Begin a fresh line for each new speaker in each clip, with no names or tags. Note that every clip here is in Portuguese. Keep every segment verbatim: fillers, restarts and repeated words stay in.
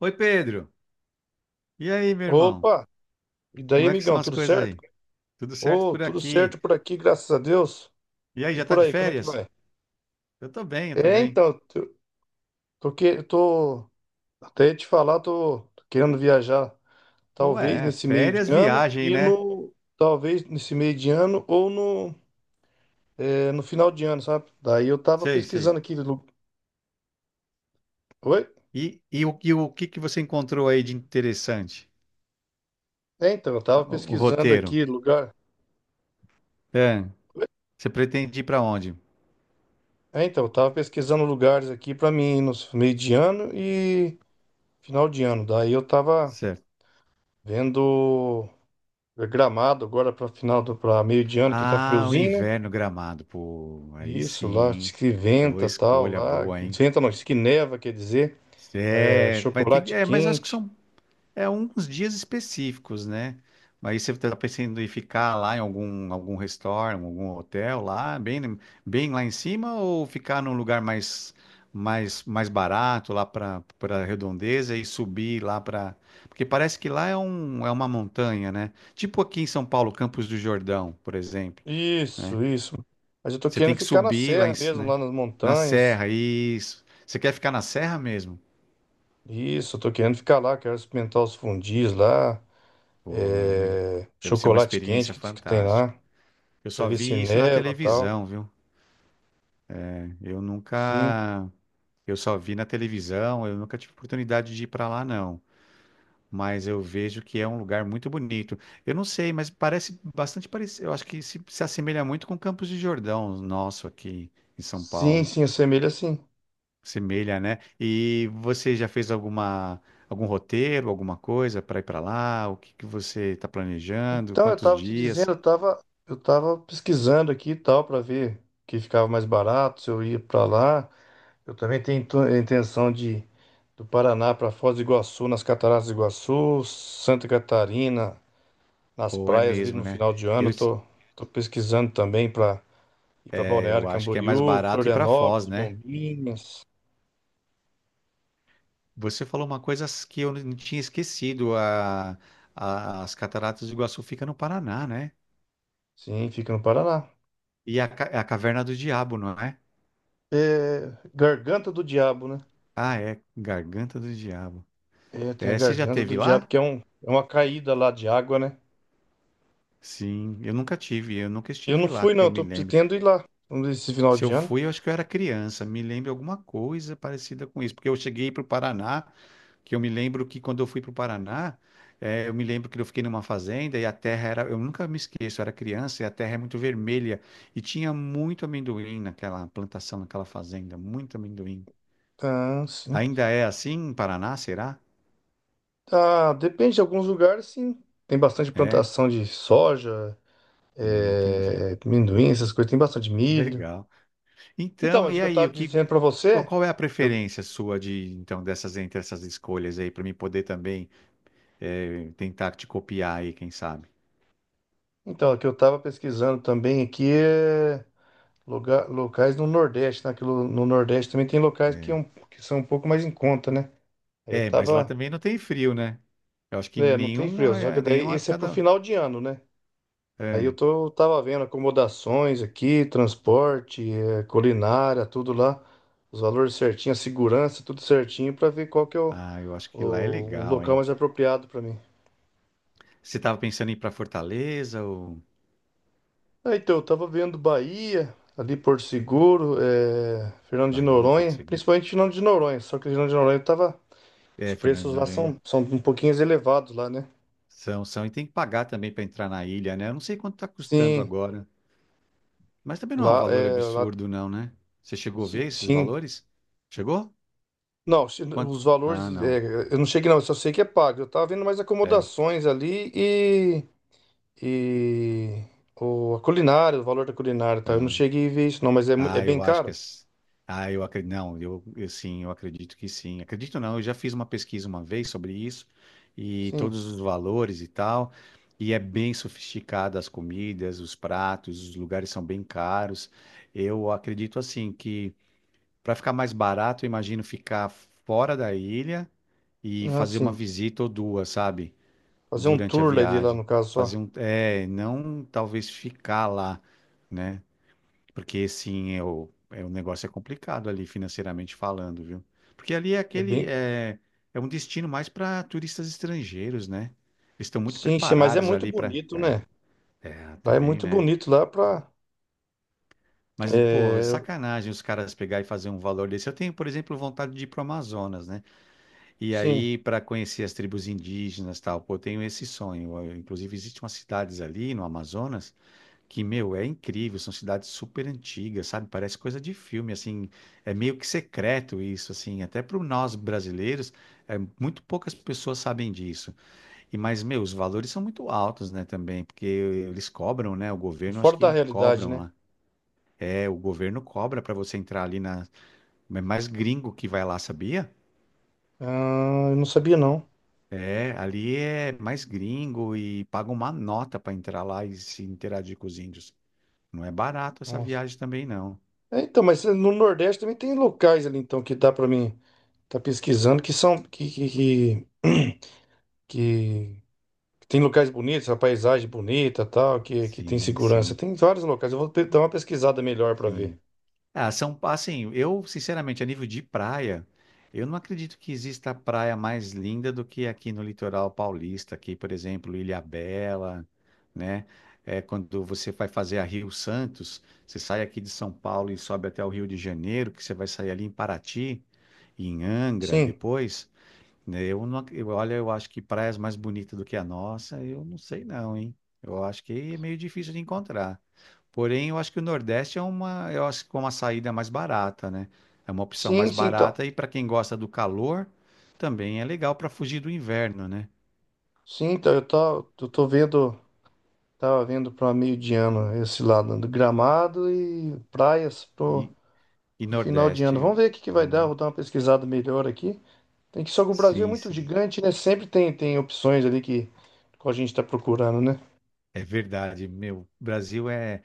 Oi, Pedro. E aí, meu irmão?
Opa! E
Como
daí,
é que são
amigão,
as
tudo
coisas
certo?
aí? Tudo certo
Ô,
por
tudo
aqui?
certo por aqui, graças a Deus.
E aí,
E
já tá
por
de
aí, como é que
férias?
vai?
Eu tô bem, eu tô
É,
bem.
então, tô, tô, que- eu tô- até ia te falar, tô, tô querendo viajar, talvez
Ué,
nesse meio de
férias,
ano
viagem,
e
né?
no, talvez nesse meio de ano ou no, é, no final de ano, sabe? Daí eu tava
Sei, sei.
pesquisando aqui, lu- oi?
E, e, o, e o que que você encontrou aí de interessante?
É, então, eu
Ah,
tava
O, o
pesquisando
roteiro.
aqui lugar.
É, você pretende ir pra onde?
É, então, eu tava pesquisando lugares aqui pra mim ir no meio de ano e final de ano. Daí eu tava
Certo.
vendo. É Gramado agora para final do para meio de ano que tá
Ah, o
friozinho, né?
inverno Gramado. Pô, aí
Isso lá, diz
sim.
que
Pô,
venta tal,
escolha
lá,
boa,
que
hein?
venta não, diz que neva, quer dizer, é,
É, mas tem,
chocolate
é, mas acho que
quente.
são é uns dias específicos, né? Mas você está pensando em ficar lá em algum, algum restaurant, algum hotel lá, bem, bem lá em cima, ou ficar num lugar mais, mais, mais barato, lá para para redondeza e subir lá para. Porque parece que lá é, um, é uma montanha, né? Tipo aqui em São Paulo, Campos do Jordão, por exemplo, né?
Isso, isso. Mas eu tô
Você tem
querendo
que
ficar na
subir lá
serra
em, c-
mesmo,
né?
lá nas
Na
montanhas.
serra, isso. Você quer ficar na serra mesmo?
Isso, eu tô querendo ficar lá, quero experimentar os fundis lá,
Pô, meu,
é,
deve ser uma
chocolate quente
experiência
que, que tem
fantástica.
lá,
Eu
pra
só
ver se
vi isso na
neva tal.
televisão, viu? Eu
Sim,
nunca. Eu só vi na televisão, eu nunca tive oportunidade de ir para lá, não. Mas eu vejo que é um lugar muito bonito. Eu não sei, mas parece bastante parecido. Eu acho que se, se assemelha muito com Campos de Jordão, nosso aqui em São
sim,
Paulo.
sim, assemelha sim.
Semelha, né? E você já fez alguma, algum roteiro, alguma coisa para ir para lá? O que que você está planejando?
Então, eu
Quantos
tava te dizendo,
dias?
eu tava, eu tava pesquisando aqui e tal para ver o que ficava mais barato, se eu ia para lá. Eu também tenho intu- intenção de do Paraná para Foz do Iguaçu, nas Cataratas do Iguaçu, Santa Catarina, nas
Ou é
praias ali
mesmo,
no
né?
final de ano.
Eu,
Eu Tô, tô pesquisando também para ir para
é, eu
Balneário
acho que é mais
Camboriú,
barato ir para Foz,
Florianópolis,
né?
Bombinhas.
Você falou uma coisa que eu não tinha esquecido. A, a- as Cataratas do Iguaçu fica no Paraná, né?
Sim, fica no Paraná.
E a, ca- é a Caverna do Diabo, não é?
É, Garganta do Diabo, né?
Ah, é. Garganta do Diabo.
É, tem a
É, você já
Garganta
teve
do Diabo,
lá?
que é um, é uma caída lá de água, né?
Sim, eu nunca tive. Eu nunca
Eu
estive
não
lá,
fui,
que eu
não.
me
Tô
lembro.
pretendo ir lá nesse final
Se
de
eu
ano.
fui, eu acho que eu era criança. Me lembro alguma coisa parecida com isso. Porque eu cheguei para o Paraná que eu me lembro que quando eu fui para o Paraná, eh, eu me lembro que eu fiquei numa fazenda e a terra era, eu nunca me esqueço, eu era criança e a terra é muito vermelha e tinha muito amendoim naquela plantação, naquela fazenda, muito amendoim.
Ah, sim.
Ainda é assim em Paraná, será?
Ah, depende de alguns lugares, sim. Tem bastante
É,
plantação de soja,
Hum, entendi.
é, amendoim, essas coisas. Tem bastante milho.
Legal.
Então,
Então,
mas o
e
que eu
aí, o
tava
que,
dizendo para
qual
você,
qual é a
eu,
preferência sua de, então, dessas entre essas escolhas aí para mim poder também eh, tentar te copiar aí, quem sabe?
então, o que eu tava pesquisando também aqui é lugar, locais no Nordeste, né? Que no no Nordeste também tem locais que, é
É.
um- que são um pouco mais em conta, né? Aí Eu
É, mas lá
tava,
também não tem frio, né? Eu acho que
né, não tem frio,
nenhuma,
só que
eh,
daí
nenhuma
esse é
época
pro
da.
final de ano, né? Aí
É.
eu tô, tava vendo acomodações aqui, transporte, eh, culinária, tudo lá, os valores certinho, a segurança, tudo certinho, para ver qual que é o,
Ah, eu acho que lá é
o, o
legal,
local
hein?
mais apropriado para mim.
Você tava pensando em ir pra Fortaleza ou
É, então, eu tava vendo Bahia, ali Porto Seguro, eh, Fernando de
Bahia, Porto
Noronha,
Seguro?
principalmente Fernando de Noronha, só que Fernando de Noronha tava, os
É, Fernando
preços
de
lá são,
Noronha.
são um pouquinho elevados lá, né?
São, são. E tem que pagar também pra entrar na ilha, né? Eu não sei quanto tá custando
Sim,
agora. Mas também não é um
lá,
valor
é, lá,
absurdo, não, né? Você chegou a
sim,
ver esses
sim.
valores? Chegou?
Não, se-
Quanto?
os valores,
Ah, não.
é, eu não cheguei não, eu só sei que é pago. Eu tava vendo mais
É,
acomodações ali e, e o, a culinária, o valor da culinária, tá? Eu não
tá.
cheguei a ver isso não, mas é, mui- é
Ah,
bem
eu acho que.
caro?
as- Ah, eu acredito. Não, eu, eu sim, eu acredito que sim. Acredito não, eu já fiz uma pesquisa uma vez sobre isso e
Sim.
todos os valores e tal. E é bem sofisticado as comidas, os pratos, os lugares são bem caros. Eu acredito assim que para ficar mais barato, eu imagino ficar fora da ilha e
Ah,
fazer uma
sim.
visita ou duas, sabe?
Fazer um
Durante a
tour lá de lá
viagem.
no caso só.
Fazer um. É, não talvez ficar lá, né? Porque sim, é o, é, o negócio é complicado ali financeiramente falando, viu? Porque ali é
É
aquele
bem.
é, é um destino mais para turistas estrangeiros, né? Eles estão muito
Sim, sim, mas é
preparados
muito
ali para
bonito,
é,
né?
é,
Lá é
também,
muito
né?
bonito lá pra.
Mas, pô, é
É,
sacanagem os caras pegar e fazer um valor desse. Eu tenho, por exemplo, vontade de ir pro Amazonas, né? E
sim,
aí, para conhecer as tribos indígenas, e tal, pô, eu tenho esse sonho. Eu, inclusive, existem umas cidades ali no Amazonas. Que, meu, é incrível, são cidades super antigas, sabe? Parece coisa de filme, assim, é meio que secreto isso, assim, até para nós brasileiros, é, muito poucas pessoas sabem disso. E mas, meu, os valores são muito altos, né, também, porque eles cobram, né? O governo acho
fora da
que
realidade,
cobram
né?
lá. É, o governo cobra para você entrar ali na, é mais gringo que vai lá, sabia?
Ah, eu não sabia não.
É, ali é mais gringo e paga uma nota para entrar lá e se interagir com os índios. Não é barato essa
Nossa.
viagem também, não.
É, então, mas no Nordeste também tem locais ali então que dá pra mim. Tá pesquisando que são que, que, que, que tem locais bonitos, a paisagem bonita, tal, que, que tem
Sim,
segurança.
sim.
Tem vários locais. Eu vou pe- dar uma pesquisada melhor para ver.
Sim. Ah, são, assim, eu, sinceramente, a nível de praia, eu não acredito que exista praia mais linda do que aqui no litoral paulista, aqui, por exemplo, Ilhabela, né? É, quando você vai fazer a Rio Santos, você sai aqui de São Paulo e sobe até o Rio de Janeiro, que você vai sair ali em Paraty e em Angra
Sim.
depois, né? Eu não, ac- eu, olha, eu acho que praias mais bonitas do que a nossa, eu não sei não, hein? Eu acho que é meio difícil de encontrar. Porém, eu acho que o Nordeste é uma, eu acho que é uma saída mais barata, né? É uma opção
Sim,
mais
sim, então.
barata e para quem gosta do calor, também é legal para fugir do inverno, né?
Sim, então eu tô, eu tô vendo, tava vendo para meio de ano esse lado do Gramado e praias pro,
E, e
pro final de
Nordeste,
ano. Vamos
eu-
ver o que que vai dar,
ah,
vou dar uma pesquisada melhor aqui. Tem que só que o Brasil é
sim,
muito
sim,
gigante, né? Sempre tem tem opções ali que que a gente está procurando, né?
é verdade. Meu, Brasil é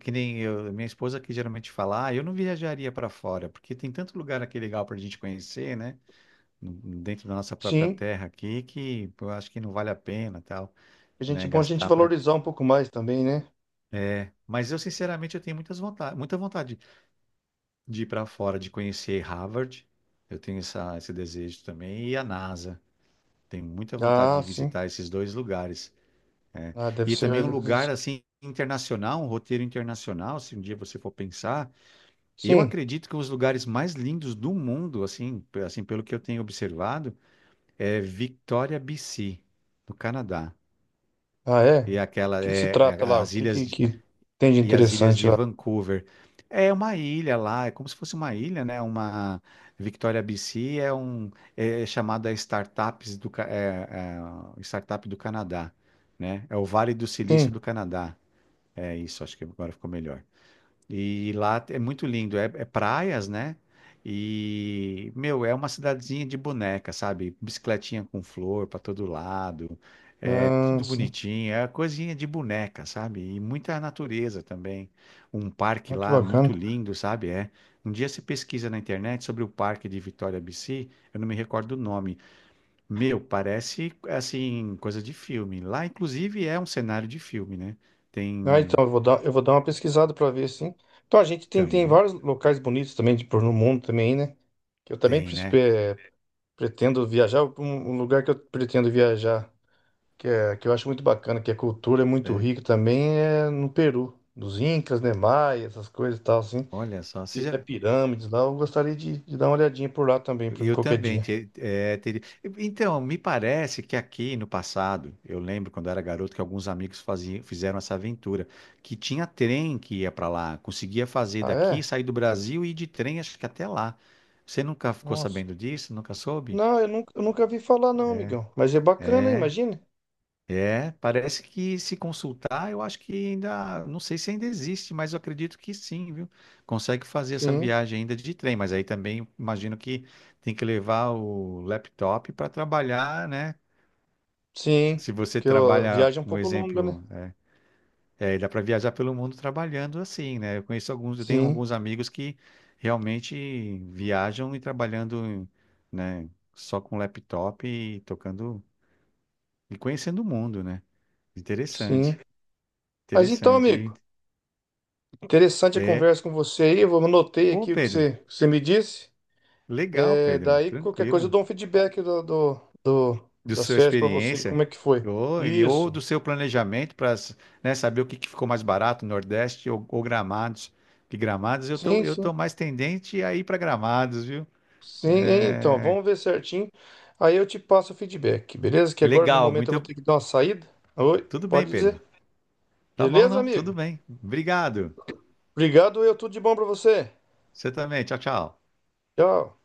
que nem eu, minha esposa que geralmente fala, ah, eu não viajaria para fora, porque tem tanto lugar aqui legal para a gente conhecer, né? Dentro da nossa própria
Sim.
terra aqui, que eu acho que não vale a pena, tal,
A
né?
gente bom a gente
Gastar para
valorizar um pouco mais também, né?
é, mas eu sinceramente eu tenho muitas vontade, muita vontade de ir para fora, de conhecer Harvard. Eu tenho essa, esse desejo também e a NASA. Tenho muita vontade de
Ah, sim.
visitar esses dois lugares. É.
Ah, deve
E também
ser.
um lugar assim internacional, um roteiro internacional. Se um dia você for pensar, eu
Sim.
acredito que os lugares mais lindos do mundo, assim, pe- assim pelo que eu tenho observado, é Victoria, B C, no Canadá.
Ah, é?
E é
Do
aquela,
que que se
é, é,
trata lá? O
as
que, que,
ilhas
que tem de
e as ilhas
interessante
de
lá?
Vancouver. É uma ilha lá, é como se fosse uma ilha, né? Uma Victoria B C é um é chamada Startups do Ca- é, é, Startup do Canadá, né? É o Vale do Silício
Sim.
do Canadá. É isso, acho que agora ficou melhor. E lá é muito lindo, é, é praias, né? E, meu, é uma cidadezinha de boneca, sabe? Bicicletinha com flor para todo lado, é
Ah,
tudo
sim.
bonitinho, é coisinha de boneca, sabe? E muita natureza também. Um parque
Olha que
lá
bacana.
muito lindo, sabe? É. Um dia você pesquisa na internet sobre o parque de Vitória B C, eu não me recordo o nome. Meu, parece assim, coisa de filme. Lá, inclusive, é um cenário de filme, né?
Ah,
Tem
então eu vou dar, eu vou dar uma pesquisada para ver, sim. Então a gente tem, tem
também,
vários locais bonitos também de, por no mundo também, né? Que eu também
tem,
pres-
né?
eh, pretendo viajar. Um, um lugar que eu pretendo viajar, que é que eu acho muito bacana, que a cultura é muito
É.
rica também, é no Peru, dos Incas, né? Maia, essas coisas e tal, assim.
Olha só, você
Até
já...
pirâmides lá, eu gostaria de, de dar uma olhadinha por lá também, pra ver
Eu
qualquer
também.
dia.
te- é, teria... Então, me parece que aqui no passado, eu lembro quando eu era garoto que alguns amigos faziam, fizeram essa aventura, que tinha trem que ia para lá, conseguia fazer
Ah,
daqui,
é?
sair do Brasil e ir de trem, acho que até lá. Você nunca ficou
Nossa.
sabendo disso? Nunca soube?
Não, eu nunca, eu nunca vi falar não, amigão. Mas é bacana,
É.
imagina.
É, parece que se consultar, eu acho que ainda, não sei se ainda existe, mas eu acredito que sim, viu? Consegue fazer essa
Sim,
viagem ainda de trem, mas aí também imagino que tem que levar o laptop para trabalhar, né?
sim.
Se você
Porque ó, a
trabalha,
viagem é um
um
pouco longa, né?
exemplo, né? É, dá para viajar pelo mundo trabalhando assim, né? Eu conheço alguns, eu tenho
Sim,
alguns amigos que realmente viajam e trabalhando, né? Só com laptop e tocando e conhecendo o mundo, né?
sim.
Interessante.
Mas então,
Interessante, hein?
amigo, interessante a
É.
conversa com você aí. Eu vou- anotei
Ô,
aqui o que
Pedro,
você, que você me disse.
legal,
É,
Pedro,
daí, qualquer coisa, eu
tranquilo.
dou um feedback do, do, do-
De
das
sua
férias pra você,
experiência,
como é que foi.
ou, e, ou
Isso.
do seu planejamento para, saber o que, que, ficou mais barato, Nordeste ou, ou Gramados. Que Gramados, eu tô,
Sim,
eu tô
sim.
mais tendente a ir para Gramados, viu?
Sim, é, então,
É,
vamos ver certinho. Aí eu te passo o feedback, beleza? Que agora no
legal,
momento eu vou
muito.
ter que dar uma saída. Oi,
Tudo bem,
pode dizer.
Pedro. Tá bom,
Beleza,
não? Tudo
amigo?
bem. Obrigado.
Obrigado, eu tudo de bom pra você.
Você também. Tchau, tchau.
Tchau.